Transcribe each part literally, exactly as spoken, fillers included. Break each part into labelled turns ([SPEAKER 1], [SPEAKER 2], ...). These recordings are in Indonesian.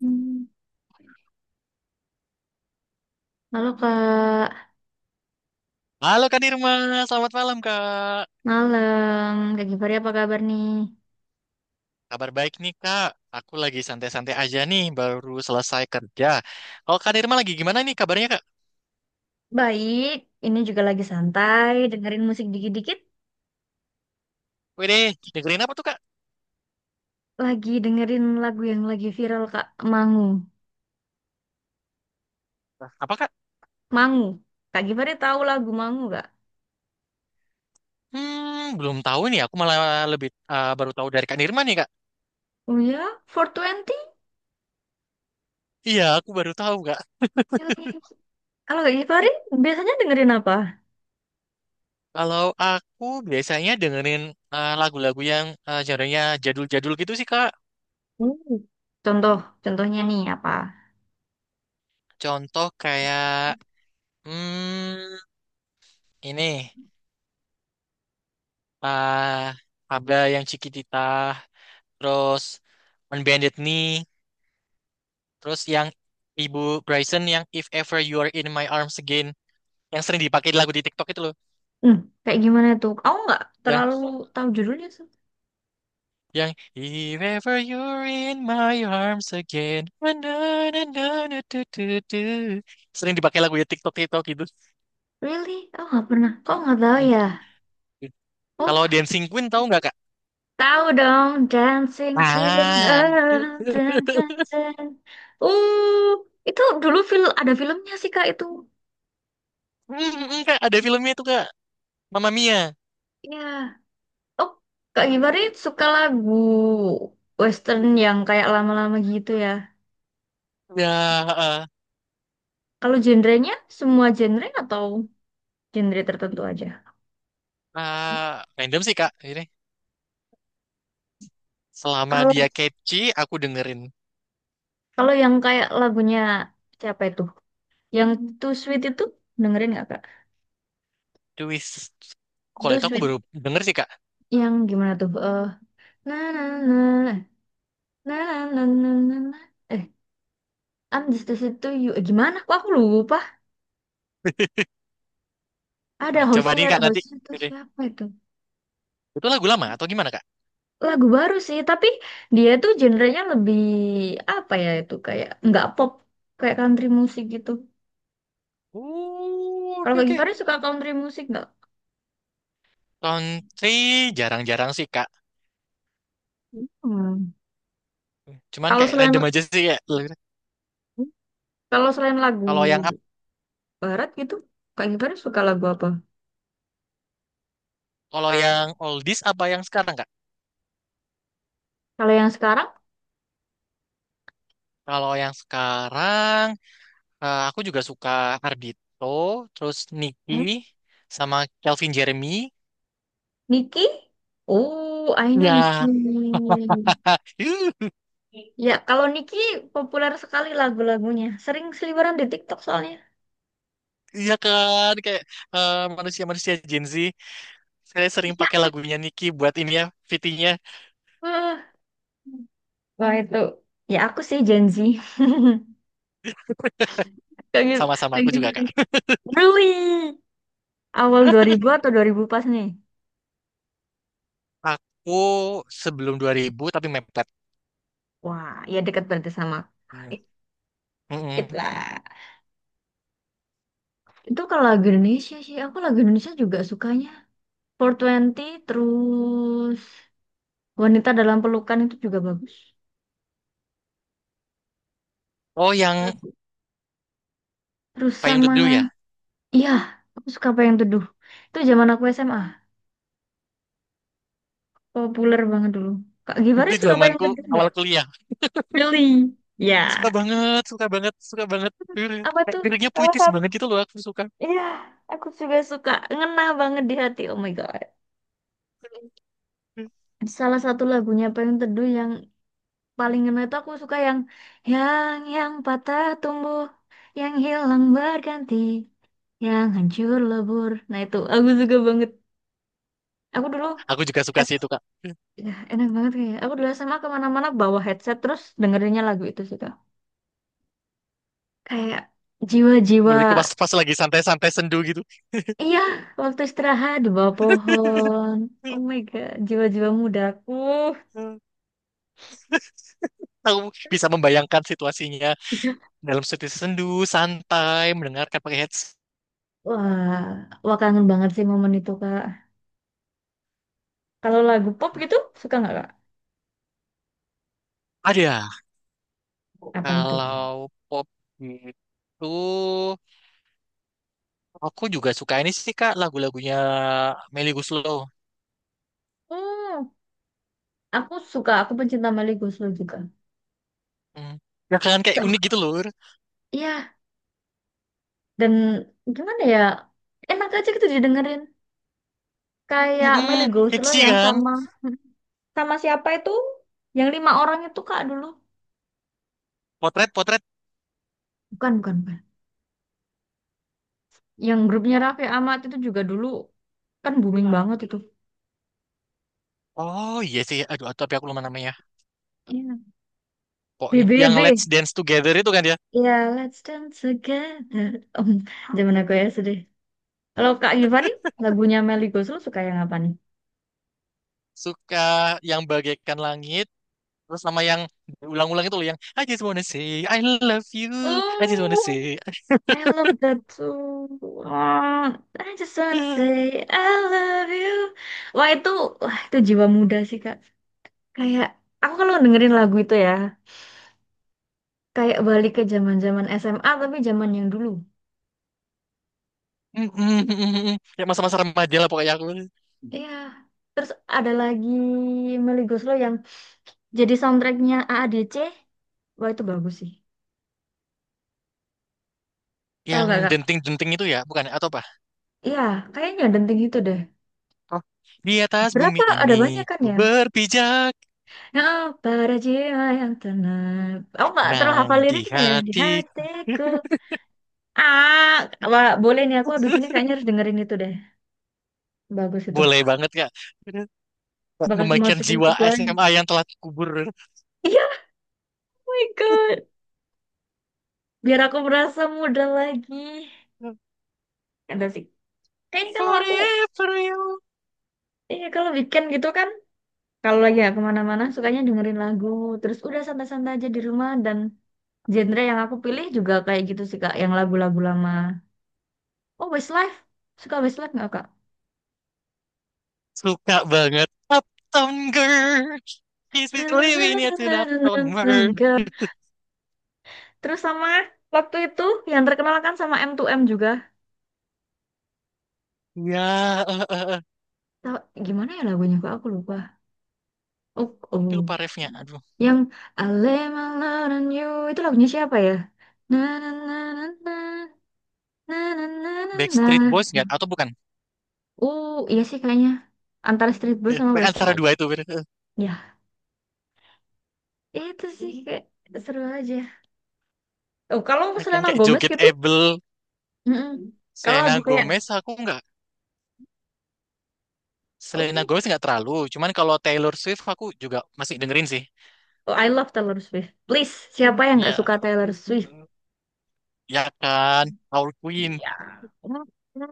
[SPEAKER 1] Hmm. Halo Kak,
[SPEAKER 2] Halo Kak Nirma, selamat malam Kak.
[SPEAKER 1] malam. Kak Givari apa kabar nih?
[SPEAKER 2] Kabar baik nih Kak. Aku lagi santai-santai aja nih, baru selesai kerja. Kalau Kak Nirma lagi gimana nih kabarnya Kak?
[SPEAKER 1] Baik, ini juga lagi santai, dengerin musik dikit-dikit,
[SPEAKER 2] Wede, dengerin apa tuh Kak?
[SPEAKER 1] lagi dengerin lagu yang lagi viral Kak, Mangu.
[SPEAKER 2] Lah, apa Kak?
[SPEAKER 1] Mangu. Kak Givari tahu lagu Mangu gak?
[SPEAKER 2] Hmm, belum tahu nih. Aku malah lebih eh, baru tahu dari Kak Nirma nih Kak.
[SPEAKER 1] Oh ya, four Twenty.
[SPEAKER 2] Iya, aku baru tahu Kak.
[SPEAKER 1] Kalau Kak Givari biasanya dengerin apa?
[SPEAKER 2] Kalau aku biasanya dengerin eh, lagu-lagu yang eh, genre-nya jadul-jadul gitu sih Kak.
[SPEAKER 1] Hmm. Contoh, contohnya nih apa?
[SPEAKER 2] Contoh kayak, hmm, ini, eh Abda yang Cikitita, terus Unbended Knee, terus yang Ibu Bryson yang If Ever You're in My Arms Again, yang sering dipakai di lagu di TikTok itu loh,
[SPEAKER 1] Hmm, kayak gimana tuh? Aku nggak
[SPEAKER 2] yang
[SPEAKER 1] terlalu tahu judulnya sih.
[SPEAKER 2] yang If Ever You're in My Arms Again, na na na na na du du du. Sering dipakai lagu di TikTok TikTok gitu.
[SPEAKER 1] Really? Aku nggak pernah. Kok nggak tahu
[SPEAKER 2] Mm.
[SPEAKER 1] ya? Oh,
[SPEAKER 2] Kalau Dancing Queen tahu nggak Kak?
[SPEAKER 1] tahu dong, Dancing Queen.
[SPEAKER 2] Ah,
[SPEAKER 1] Eh, dun, dun, dun. Uh, itu dulu film ada filmnya sih Kak itu.
[SPEAKER 2] mm, mm, Kak ada filmnya itu Kak, Mamma Mia.
[SPEAKER 1] Ya. Oh, Kak Gibari suka lagu western yang kayak lama-lama gitu ya.
[SPEAKER 2] Ya, eh.
[SPEAKER 1] Kalau genrenya semua genre atau genre tertentu aja?
[SPEAKER 2] eh, random sih Kak. Ini selama
[SPEAKER 1] Kalau
[SPEAKER 2] dia catchy, aku dengerin.
[SPEAKER 1] kalau yang kayak lagunya siapa itu? Yang Too Sweet itu dengerin nggak Kak?
[SPEAKER 2] Twist. Kalau
[SPEAKER 1] Too
[SPEAKER 2] itu aku
[SPEAKER 1] Sweet
[SPEAKER 2] baru denger sih, Kak.
[SPEAKER 1] yang gimana tuh? Eh, na na na na na na na na na. Eh, Andes di situ itu gimana? Kok aku lupa. Ada
[SPEAKER 2] Ah, coba nih,
[SPEAKER 1] Hosier,
[SPEAKER 2] Kak, nanti.
[SPEAKER 1] Hosier tuh
[SPEAKER 2] Oke.
[SPEAKER 1] siapa itu?
[SPEAKER 2] Itu lagu lama atau gimana, Kak?
[SPEAKER 1] Lagu baru sih, tapi dia tuh genrenya lebih apa ya itu kayak nggak pop, kayak country musik gitu.
[SPEAKER 2] Oh,
[SPEAKER 1] Kalau
[SPEAKER 2] oke,
[SPEAKER 1] Kak
[SPEAKER 2] oke.
[SPEAKER 1] Givari suka country musik nggak?
[SPEAKER 2] Country jarang-jarang sih, Kak.
[SPEAKER 1] Hmm.
[SPEAKER 2] Cuman
[SPEAKER 1] Kalau
[SPEAKER 2] kayak
[SPEAKER 1] selain
[SPEAKER 2] random aja sih, ya.
[SPEAKER 1] kalau selain lagu
[SPEAKER 2] Kalau yang up,
[SPEAKER 1] barat gitu, Kak Givari suka lagu apa?
[SPEAKER 2] kalau yang oldies apa yang sekarang, Kak?
[SPEAKER 1] Kalau yang sekarang,
[SPEAKER 2] Kalau yang sekarang, eh, aku juga suka Ardito, terus Nicky,
[SPEAKER 1] Hmm.
[SPEAKER 2] sama Calvin Jeremy.
[SPEAKER 1] Niki? Oh, I know Niki.
[SPEAKER 2] Ya,
[SPEAKER 1] Ya, kalau Niki populer sekali lagu-lagunya. Sering seliweran di TikTok soalnya.
[SPEAKER 2] iya kan, kayak eh, manusia-manusia Gen Z. Saya sering
[SPEAKER 1] Iya.
[SPEAKER 2] pakai lagunya Niki buat ini ya, fitinya
[SPEAKER 1] Eh, Wah itu ya aku sih Gen Z. Lagi
[SPEAKER 2] sama-sama aku
[SPEAKER 1] lagi
[SPEAKER 2] juga Kak.
[SPEAKER 1] Really awal dua ribu atau dua ribu pas nih.
[SPEAKER 2] Aku sebelum dua ribu tapi mepet.
[SPEAKER 1] Wah, ya dekat berarti sama.
[SPEAKER 2] Hmm. Mm-mm.
[SPEAKER 1] It lah. Itu kalau lagu Indonesia sih, aku lagu Indonesia juga sukanya. Four Twenty terus Wanita dalam Pelukan itu juga bagus.
[SPEAKER 2] Oh yang
[SPEAKER 1] Bagus. Terus
[SPEAKER 2] Payung
[SPEAKER 1] sama
[SPEAKER 2] Teduh ya.
[SPEAKER 1] iya, aku suka apa yang Teduh. Itu zaman aku S M A, populer banget dulu. Kak Givari
[SPEAKER 2] Itu
[SPEAKER 1] suka apa yang
[SPEAKER 2] zamanku
[SPEAKER 1] Teduh nggak?
[SPEAKER 2] awal kuliah.
[SPEAKER 1] Really?
[SPEAKER 2] Suka
[SPEAKER 1] Ya.
[SPEAKER 2] banget, suka banget, suka banget.
[SPEAKER 1] Apa
[SPEAKER 2] Kayak
[SPEAKER 1] tuh
[SPEAKER 2] liriknya
[SPEAKER 1] salah
[SPEAKER 2] puitis
[SPEAKER 1] satu,
[SPEAKER 2] banget gitu loh aku suka.
[SPEAKER 1] iya, aku juga suka. Ngena banget di hati oh my god, salah satu lagunya Payung Teduh yang paling ngena itu aku suka yang yang yang patah tumbuh, yang hilang berganti, yang hancur lebur, nah itu aku suka banget. Aku dulu
[SPEAKER 2] Aku juga suka sih
[SPEAKER 1] S-
[SPEAKER 2] itu Kak.
[SPEAKER 1] ya, enak banget kayak aku dulu S M A kemana-mana bawa headset terus dengerinnya lagu itu sih Kak. Kayak jiwa-jiwa,
[SPEAKER 2] Beliku pas pas lagi santai-santai sendu gitu.
[SPEAKER 1] iya, waktu istirahat di bawah pohon, oh my god jiwa-jiwa mudaku.
[SPEAKER 2] Aku bisa membayangkan situasinya
[SPEAKER 1] Iya.
[SPEAKER 2] dalam situasi sendu, santai, mendengarkan pakai headset.
[SPEAKER 1] Wah, wah kangen banget sih momen itu, Kak. Kalau lagu pop gitu, suka nggak, Kak?
[SPEAKER 2] Ada.
[SPEAKER 1] Apa itu?
[SPEAKER 2] Kalau pop gitu, aku juga suka ini sih Kak, lagu-lagunya Melly Goeslaw.
[SPEAKER 1] Hmm, aku suka, aku pencinta Melly Goeslaw juga.
[SPEAKER 2] Hmm. Ya kan kayak unik
[SPEAKER 1] Sama.
[SPEAKER 2] gitu loh.
[SPEAKER 1] Iya, dan gimana ya, enak aja gitu didengerin. Kayak Melly
[SPEAKER 2] Hmm,
[SPEAKER 1] Goeslaw
[SPEAKER 2] kecil
[SPEAKER 1] yang
[SPEAKER 2] kan.
[SPEAKER 1] sama, sama siapa itu? Yang lima orang itu, Kak, dulu.
[SPEAKER 2] Potret, potret.
[SPEAKER 1] Bukan, bukan, bukan. Yang grupnya Raffi Ahmad itu juga dulu kan booming banget itu.
[SPEAKER 2] Oh iya sih. Aduh, tapi aku lupa namanya.
[SPEAKER 1] Iya. B.
[SPEAKER 2] Pokoknya
[SPEAKER 1] B
[SPEAKER 2] yang Let's
[SPEAKER 1] B.
[SPEAKER 2] Dance Together itu kan ya.
[SPEAKER 1] Iya, Let's Dance Together. Om, zaman aku ya. Kalau Kak Givari, lagunya Melly Goeslaw suka yang apa nih?
[SPEAKER 2] Suka yang bagaikan langit. Terus sama yang ulang ulang itu loh yang I just wanna say I love you. I just wanna
[SPEAKER 1] Oh
[SPEAKER 2] say.
[SPEAKER 1] I love that song, I just wanna say I love you. Wah itu, wah itu jiwa muda sih Kak. Kayak aku kalau dengerin lagu itu ya, kayak balik ke zaman-zaman S M A tapi zaman yang dulu.
[SPEAKER 2] Mm, mm, mm, mm, mm. Ya masa-masa remaja lah pokoknya aku.
[SPEAKER 1] Iya. Terus ada lagi Melly Goeslaw yang jadi soundtracknya A A D C. Wah itu bagus sih. Tahu
[SPEAKER 2] Yang
[SPEAKER 1] gak Kak?
[SPEAKER 2] denting-denting itu ya, bukan? Ya? Atau apa?
[SPEAKER 1] Iya, kayaknya denting itu deh.
[SPEAKER 2] Oh, di atas
[SPEAKER 1] Berapa
[SPEAKER 2] bumi
[SPEAKER 1] ada
[SPEAKER 2] ini
[SPEAKER 1] banyak kan
[SPEAKER 2] ku
[SPEAKER 1] ya?
[SPEAKER 2] berpijak,
[SPEAKER 1] Oh, para jiwa yang tenang. Aku nggak terlalu
[SPEAKER 2] nang
[SPEAKER 1] hafal
[SPEAKER 2] di
[SPEAKER 1] liriknya ya. Di
[SPEAKER 2] hatiku.
[SPEAKER 1] hatiku. Ah, wah, boleh nih. Aku habis ini kayaknya harus dengerin itu deh. Bagus itu.
[SPEAKER 2] Boleh banget Kak.
[SPEAKER 1] Bakal aku
[SPEAKER 2] Memainkan
[SPEAKER 1] masukin ke
[SPEAKER 2] jiwa
[SPEAKER 1] playlist.
[SPEAKER 2] S M A yang telah kubur.
[SPEAKER 1] Iya, oh my God. Biar aku merasa muda lagi. Ada sih. Kayaknya kalau aku,
[SPEAKER 2] Forever you.
[SPEAKER 1] iya kalau weekend gitu kan. Kalau lagi ya kemana-mana, sukanya dengerin lagu. Terus udah santai-santai aja di rumah. Dan genre yang aku pilih juga kayak gitu sih, Kak. Yang lagu-lagu lama. Oh, Westlife. Suka Westlife nggak, Kak?
[SPEAKER 2] Suka banget. Uptown Girl. He's been living it in an Uptown Girl.
[SPEAKER 1] Terus sama waktu itu yang terkenal kan sama M two M juga.
[SPEAKER 2] Ya, eh, eh, eh.
[SPEAKER 1] Tau- Gimana ya lagunya kok aku lupa. Oh,
[SPEAKER 2] Tapi
[SPEAKER 1] oh.
[SPEAKER 2] lupa refnya. Aduh.
[SPEAKER 1] Yang I lay my love on you itu lagunya siapa ya? Na na na na na na na na na
[SPEAKER 2] Backstreet
[SPEAKER 1] na.
[SPEAKER 2] Boys nggak? Atau bukan?
[SPEAKER 1] Uh, iya sih kayaknya antara Street Blues
[SPEAKER 2] Ya,
[SPEAKER 1] sama
[SPEAKER 2] kayak antara
[SPEAKER 1] Westlife.
[SPEAKER 2] dua itu. Bener.
[SPEAKER 1] Ya, itu sih kayak seru aja. Oh, kalau
[SPEAKER 2] Eh, kan
[SPEAKER 1] Selena
[SPEAKER 2] kayak
[SPEAKER 1] Gomez
[SPEAKER 2] Joget
[SPEAKER 1] gitu,
[SPEAKER 2] Abel.
[SPEAKER 1] mm-mm. Kalau
[SPEAKER 2] Selena
[SPEAKER 1] lagu kayak
[SPEAKER 2] Gomez, aku nggak. Selena
[SPEAKER 1] oh,
[SPEAKER 2] Gomez nggak terlalu, cuman kalau Taylor Swift aku juga masih dengerin sih.
[SPEAKER 1] oh, I love Taylor Swift. Please, siapa yang nggak suka
[SPEAKER 2] Ya,
[SPEAKER 1] Taylor Swift?
[SPEAKER 2] ya kan, Our Queen.
[SPEAKER 1] Iya.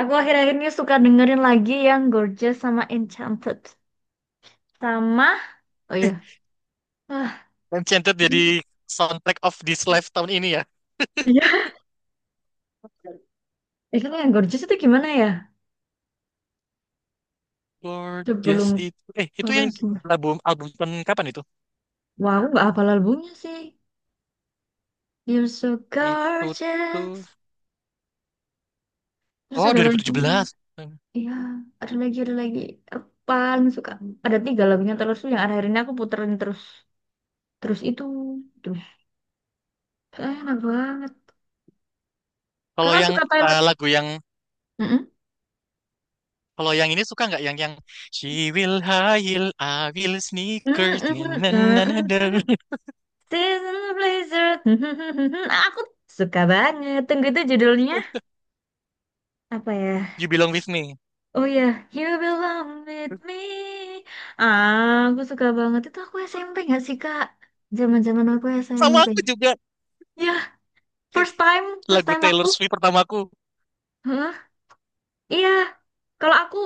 [SPEAKER 1] Aku akhir-akhir ini suka dengerin lagi yang Gorgeous sama Enchanted. Sama, oh iya. Ah,
[SPEAKER 2] Enchanted jadi soundtrack of this life tahun ini ya.
[SPEAKER 1] iya. Eh, kan yang Gorgeous itu gimana ya?
[SPEAKER 2] Gorgeous
[SPEAKER 1] Sebelum
[SPEAKER 2] itu, eh itu yang
[SPEAKER 1] chorus.
[SPEAKER 2] di- album album tahun kapan itu?
[SPEAKER 1] Wah, aku nggak hafal albumnya sih. You're so
[SPEAKER 2] Itu tuh,
[SPEAKER 1] gorgeous. Terus
[SPEAKER 2] oh
[SPEAKER 1] ada lagi.
[SPEAKER 2] dua ribu tujuh belas. Hmm.
[SPEAKER 1] Iya, ada lagi, ada lagi. Aku paling suka. Ada tiga lagunya terus tuh yang akhir-akhir ini aku puterin terus. Terus itu. Terus. Enak banget.
[SPEAKER 2] Kalau
[SPEAKER 1] Kakak
[SPEAKER 2] yang
[SPEAKER 1] suka Taylor?
[SPEAKER 2] eh, lagu yang
[SPEAKER 1] Mm-mm.
[SPEAKER 2] kalau yang ini suka nggak yang yang She will heal, I will sneakers, na
[SPEAKER 1] Mm-mm,
[SPEAKER 2] na na na na.
[SPEAKER 1] mm-mm, Season Blizzard. Mm-mm, aku suka banget. Tunggu itu judulnya apa ya?
[SPEAKER 2] You belong with me.
[SPEAKER 1] Oh ya, You Belong With Me. Ah, aku suka banget. Itu aku S M P nggak sih, Kak? Zaman-zaman aku
[SPEAKER 2] Sama
[SPEAKER 1] S M P.
[SPEAKER 2] aku juga.
[SPEAKER 1] Ya,
[SPEAKER 2] Ke-
[SPEAKER 1] first time, first
[SPEAKER 2] Lagu
[SPEAKER 1] time aku.
[SPEAKER 2] Taylor Swift pertamaku.
[SPEAKER 1] Hah? Iya. Kalau aku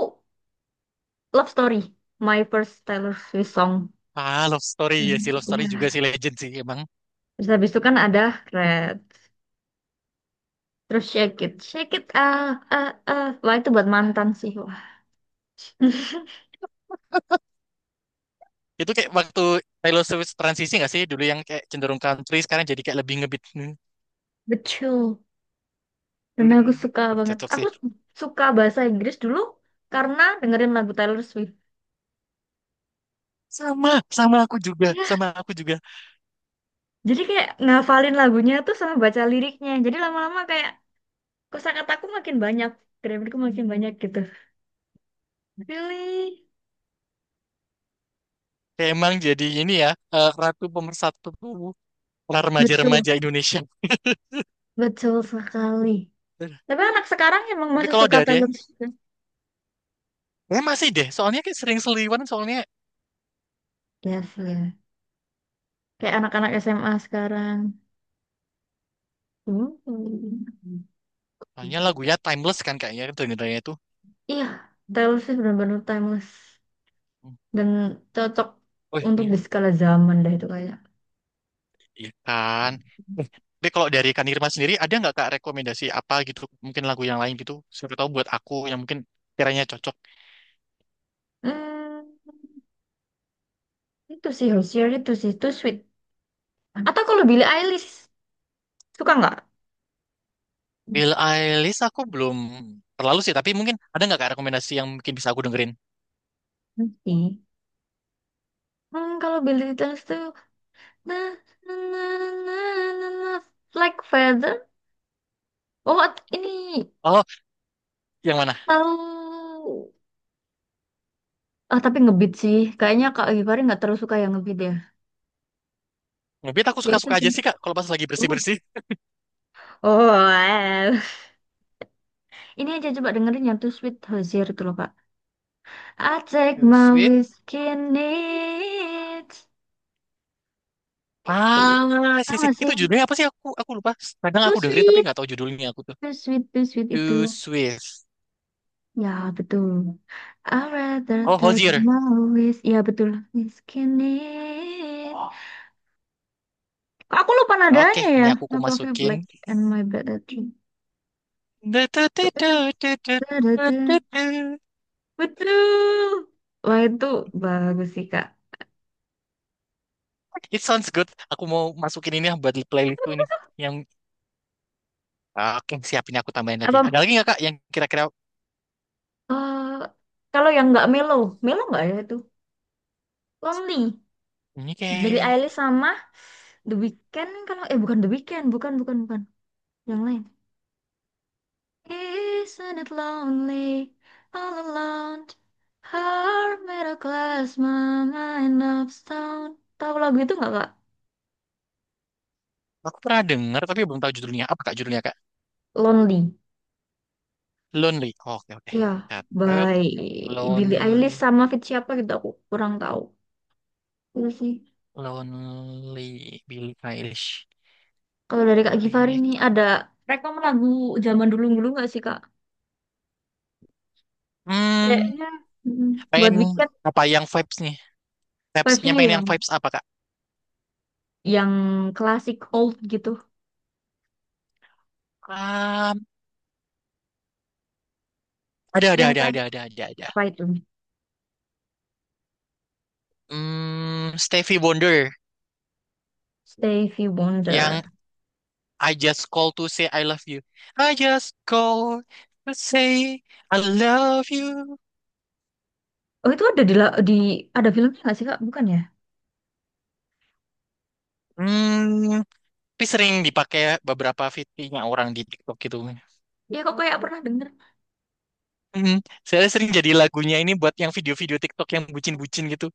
[SPEAKER 1] Love Story, my first Taylor Swift song.
[SPEAKER 2] Ah, Love Story
[SPEAKER 1] Iya.
[SPEAKER 2] ya si Love Story juga si Legend sih emang.
[SPEAKER 1] Terus habis itu kan ada Red. Terus shake it, shake it, ah, ah, ah. Wah, itu buat mantan sih, wah.
[SPEAKER 2] Itu kayak waktu Taylor Swift transisi nggak sih dulu yang kayak cenderung country sekarang jadi kayak lebih ngebeat.
[SPEAKER 1] Betul. Dan aku
[SPEAKER 2] Hmm,
[SPEAKER 1] suka banget.
[SPEAKER 2] cocok
[SPEAKER 1] Aku
[SPEAKER 2] sih.
[SPEAKER 1] suka bahasa Inggris dulu karena dengerin lagu Taylor Swift.
[SPEAKER 2] Sama, sama aku juga,
[SPEAKER 1] Ya,
[SPEAKER 2] sama aku juga.
[SPEAKER 1] jadi kayak ngafalin lagunya tuh sama baca liriknya. Jadi lama-lama kayak kosakataku makin banyak, grammarku makin banyak gitu. Really?
[SPEAKER 2] Kayak emang jadi ini ya eh, ratu pemersatu para
[SPEAKER 1] Betul,
[SPEAKER 2] remaja-remaja Indonesia.
[SPEAKER 1] betul sekali. Tapi anak sekarang emang
[SPEAKER 2] Tapi
[SPEAKER 1] masih
[SPEAKER 2] kalau
[SPEAKER 1] suka
[SPEAKER 2] ada deh,
[SPEAKER 1] Taylor Swift.
[SPEAKER 2] ya masih deh. Soalnya kayak sering seliwan soalnya.
[SPEAKER 1] Yes, ya. Kayak anak-anak S M A sekarang. Hmm.
[SPEAKER 2] Soalnya lagunya timeless kan kayaknya dengernya itu.
[SPEAKER 1] Iya, Taylor Swift benar-benar timeless dan cocok
[SPEAKER 2] Oh,
[SPEAKER 1] untuk di skala zaman dah itu kayak.
[SPEAKER 2] ikan. Eh, tapi kalau dari Kak Nirma sendiri, ada nggak Kak rekomendasi apa gitu? Mungkin lagu yang lain gitu. Siapa tahu buat aku yang mungkin kiranya cocok.
[SPEAKER 1] Hmm, itu sih Hozier itu sih itu sweet. Atau kalau Billie Eilish suka nggak?
[SPEAKER 2] Bill Eilish aku belum terlalu sih, tapi mungkin ada nggak Kak rekomendasi yang mungkin bisa aku dengerin?
[SPEAKER 1] Nanti. Hmm, kalau Billie Eilish tuh na na na na na na like feather. Oh, at- ini
[SPEAKER 2] Oh, yang mana?
[SPEAKER 1] tahu, ah tapi ngebeat sih. Kayaknya Kak Givari nggak terlalu suka yang ngebeat ya.
[SPEAKER 2] Mungkin aku
[SPEAKER 1] Ya itu
[SPEAKER 2] suka-suka
[SPEAKER 1] sih.
[SPEAKER 2] aja sih Kak, kalau pas lagi
[SPEAKER 1] Uh,
[SPEAKER 2] bersih-bersih.
[SPEAKER 1] Oh, well. Ini aja coba dengerin yang tuh Sweet Hozier itu loh, Kak. I take
[SPEAKER 2] Too
[SPEAKER 1] my
[SPEAKER 2] sweet.
[SPEAKER 1] whiskey neat. Itu.
[SPEAKER 2] Ah,
[SPEAKER 1] Tahu
[SPEAKER 2] sih, sih.
[SPEAKER 1] gak sih?
[SPEAKER 2] Itu judulnya apa sih? Aku aku lupa. Kadang
[SPEAKER 1] Too
[SPEAKER 2] aku dengerin tapi
[SPEAKER 1] sweet,
[SPEAKER 2] nggak tahu judulnya aku tuh.
[SPEAKER 1] too sweet, too sweet
[SPEAKER 2] Too
[SPEAKER 1] itu.
[SPEAKER 2] sweet.
[SPEAKER 1] Ya, betul. I rather
[SPEAKER 2] Oh,
[SPEAKER 1] take
[SPEAKER 2] Hozier.
[SPEAKER 1] my whis. Ya, betul. Whiskey neat. Kok aku lupa
[SPEAKER 2] Oke,
[SPEAKER 1] nadanya
[SPEAKER 2] ini
[SPEAKER 1] ya.
[SPEAKER 2] aku ku
[SPEAKER 1] Aku feel
[SPEAKER 2] masukin.
[SPEAKER 1] black and my bad at you. Tuh, enak. Da-da-da. Betul. Wah, itu bagus sih, Kak.
[SPEAKER 2] It sounds good. Aku mau masukin ini ya buat playlistku ini. Yang ah, oke, siapin aku tambahin lagi.
[SPEAKER 1] Apa,
[SPEAKER 2] Ada lagi nggak Kak yang kira-kira
[SPEAKER 1] eh, kalau yang nggak melo, melo nggak ya itu? Lonely.
[SPEAKER 2] ini
[SPEAKER 1] Billie
[SPEAKER 2] kayak
[SPEAKER 1] Eilish sama The Weeknd kalau eh bukan The Weeknd, bukan bukan bukan yang lain. Isn't it lonely all alone? Heart made of glass, my mind. Tahu lagu itu nggak kak?
[SPEAKER 2] aku pernah dengar tapi belum tahu judulnya. Apa Kak judulnya Kak?
[SPEAKER 1] Lonely.
[SPEAKER 2] Lonely. Oke, oke.
[SPEAKER 1] Ya,
[SPEAKER 2] Catat
[SPEAKER 1] baik. Billie Eilish
[SPEAKER 2] Lonely,
[SPEAKER 1] sama feat siapa gitu aku kurang tahu. Itu sih.
[SPEAKER 2] Lonely Billie Eilish.
[SPEAKER 1] Kalau dari Kak Givari
[SPEAKER 2] Eh,
[SPEAKER 1] nih ada rekom lagu zaman dulu-dulu nggak sih Kak?
[SPEAKER 2] Hmm,
[SPEAKER 1] Kayaknya mm buat
[SPEAKER 2] pengen
[SPEAKER 1] weekend
[SPEAKER 2] apa yang vibes nih? Vibes yang
[SPEAKER 1] vibes-nya
[SPEAKER 2] pengen
[SPEAKER 1] yang
[SPEAKER 2] yang vibes apa Kak?
[SPEAKER 1] yang klasik old gitu.
[SPEAKER 2] Um, ada ada
[SPEAKER 1] Yang
[SPEAKER 2] ada ada
[SPEAKER 1] kayak
[SPEAKER 2] ada ada ada.
[SPEAKER 1] apa itu?
[SPEAKER 2] Hmm, Stevie Wonder
[SPEAKER 1] Stevie Wonder.
[SPEAKER 2] yang I just call to say I love you. I just call to say I love you.
[SPEAKER 1] Oh itu ada di la- di ada filmnya nggak sih Kak? Bukan ya?
[SPEAKER 2] Hmm, tapi sering dipakai beberapa fitnya orang di TikTok gitu.
[SPEAKER 1] Ya kok kayak pernah denger.
[SPEAKER 2] Hmm, saya sering jadi lagunya ini buat yang video-video TikTok yang bucin-bucin gitu.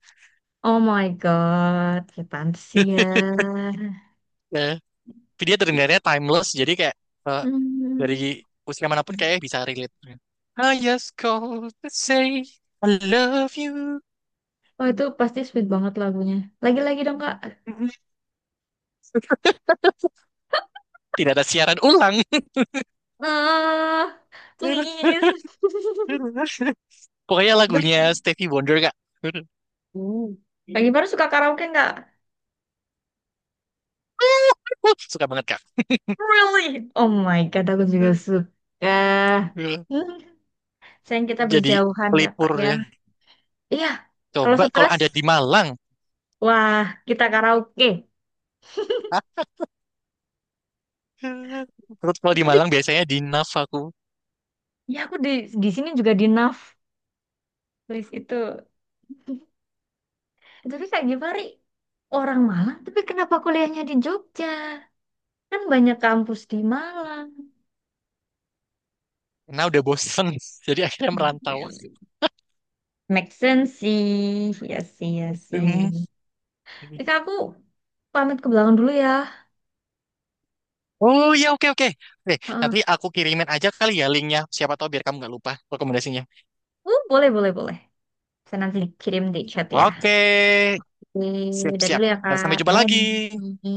[SPEAKER 1] Oh my God, setan sih ya.
[SPEAKER 2] Eh, tapi dia terdengarnya timeless, jadi kayak eh, dari
[SPEAKER 1] Hmm.
[SPEAKER 2] usia manapun kayak bisa relate. I just call to say I love you.
[SPEAKER 1] Oh itu pasti sweet banget lagunya. Lagi-lagi dong Kak.
[SPEAKER 2] Tidak ada siaran ulang.
[SPEAKER 1] Ah, please.
[SPEAKER 2] Pokoknya lagunya
[SPEAKER 1] Tapi-
[SPEAKER 2] Stevie Wonder, Kak.
[SPEAKER 1] Uh. Kak Gimana suka karaoke nggak?
[SPEAKER 2] Suka banget, Kak.
[SPEAKER 1] Really? Oh my God, aku juga suka. Hmm. Sayang kita
[SPEAKER 2] Jadi
[SPEAKER 1] berjauhan ya Kak
[SPEAKER 2] pelipur
[SPEAKER 1] ya.
[SPEAKER 2] ya.
[SPEAKER 1] Iya, kalau
[SPEAKER 2] Coba kalau
[SPEAKER 1] stres
[SPEAKER 2] ada di Malang.
[SPEAKER 1] wah, kita karaoke.
[SPEAKER 2] Terus kalau di
[SPEAKER 1] Tapi
[SPEAKER 2] Malang biasanya di naf aku.
[SPEAKER 1] ya aku di di sini juga di naf list itu. Tapi Kak Givari orang Malang, tapi kenapa kuliahnya di Jogja? Kan banyak kampus di Malang.
[SPEAKER 2] Nah udah bosen, jadi akhirnya merantau.
[SPEAKER 1] Make sense sih. Ya sih, ya sih.
[SPEAKER 2] Hmm.
[SPEAKER 1] Jadi Kak, aku pamit ke belakang dulu ya.
[SPEAKER 2] Oh iya oke oke. Oke,
[SPEAKER 1] Heeh.
[SPEAKER 2] nanti aku kirimin aja kali ya linknya. Siapa tahu biar kamu nggak lupa rekomendasinya.
[SPEAKER 1] Uh, boleh, boleh, boleh. Saya nanti kirim di chat ya.
[SPEAKER 2] Oke,
[SPEAKER 1] Oke,
[SPEAKER 2] siap
[SPEAKER 1] dadah dulu
[SPEAKER 2] siap.
[SPEAKER 1] ya,
[SPEAKER 2] Dan
[SPEAKER 1] Kak.
[SPEAKER 2] sampai jumpa lagi.
[SPEAKER 1] Bye.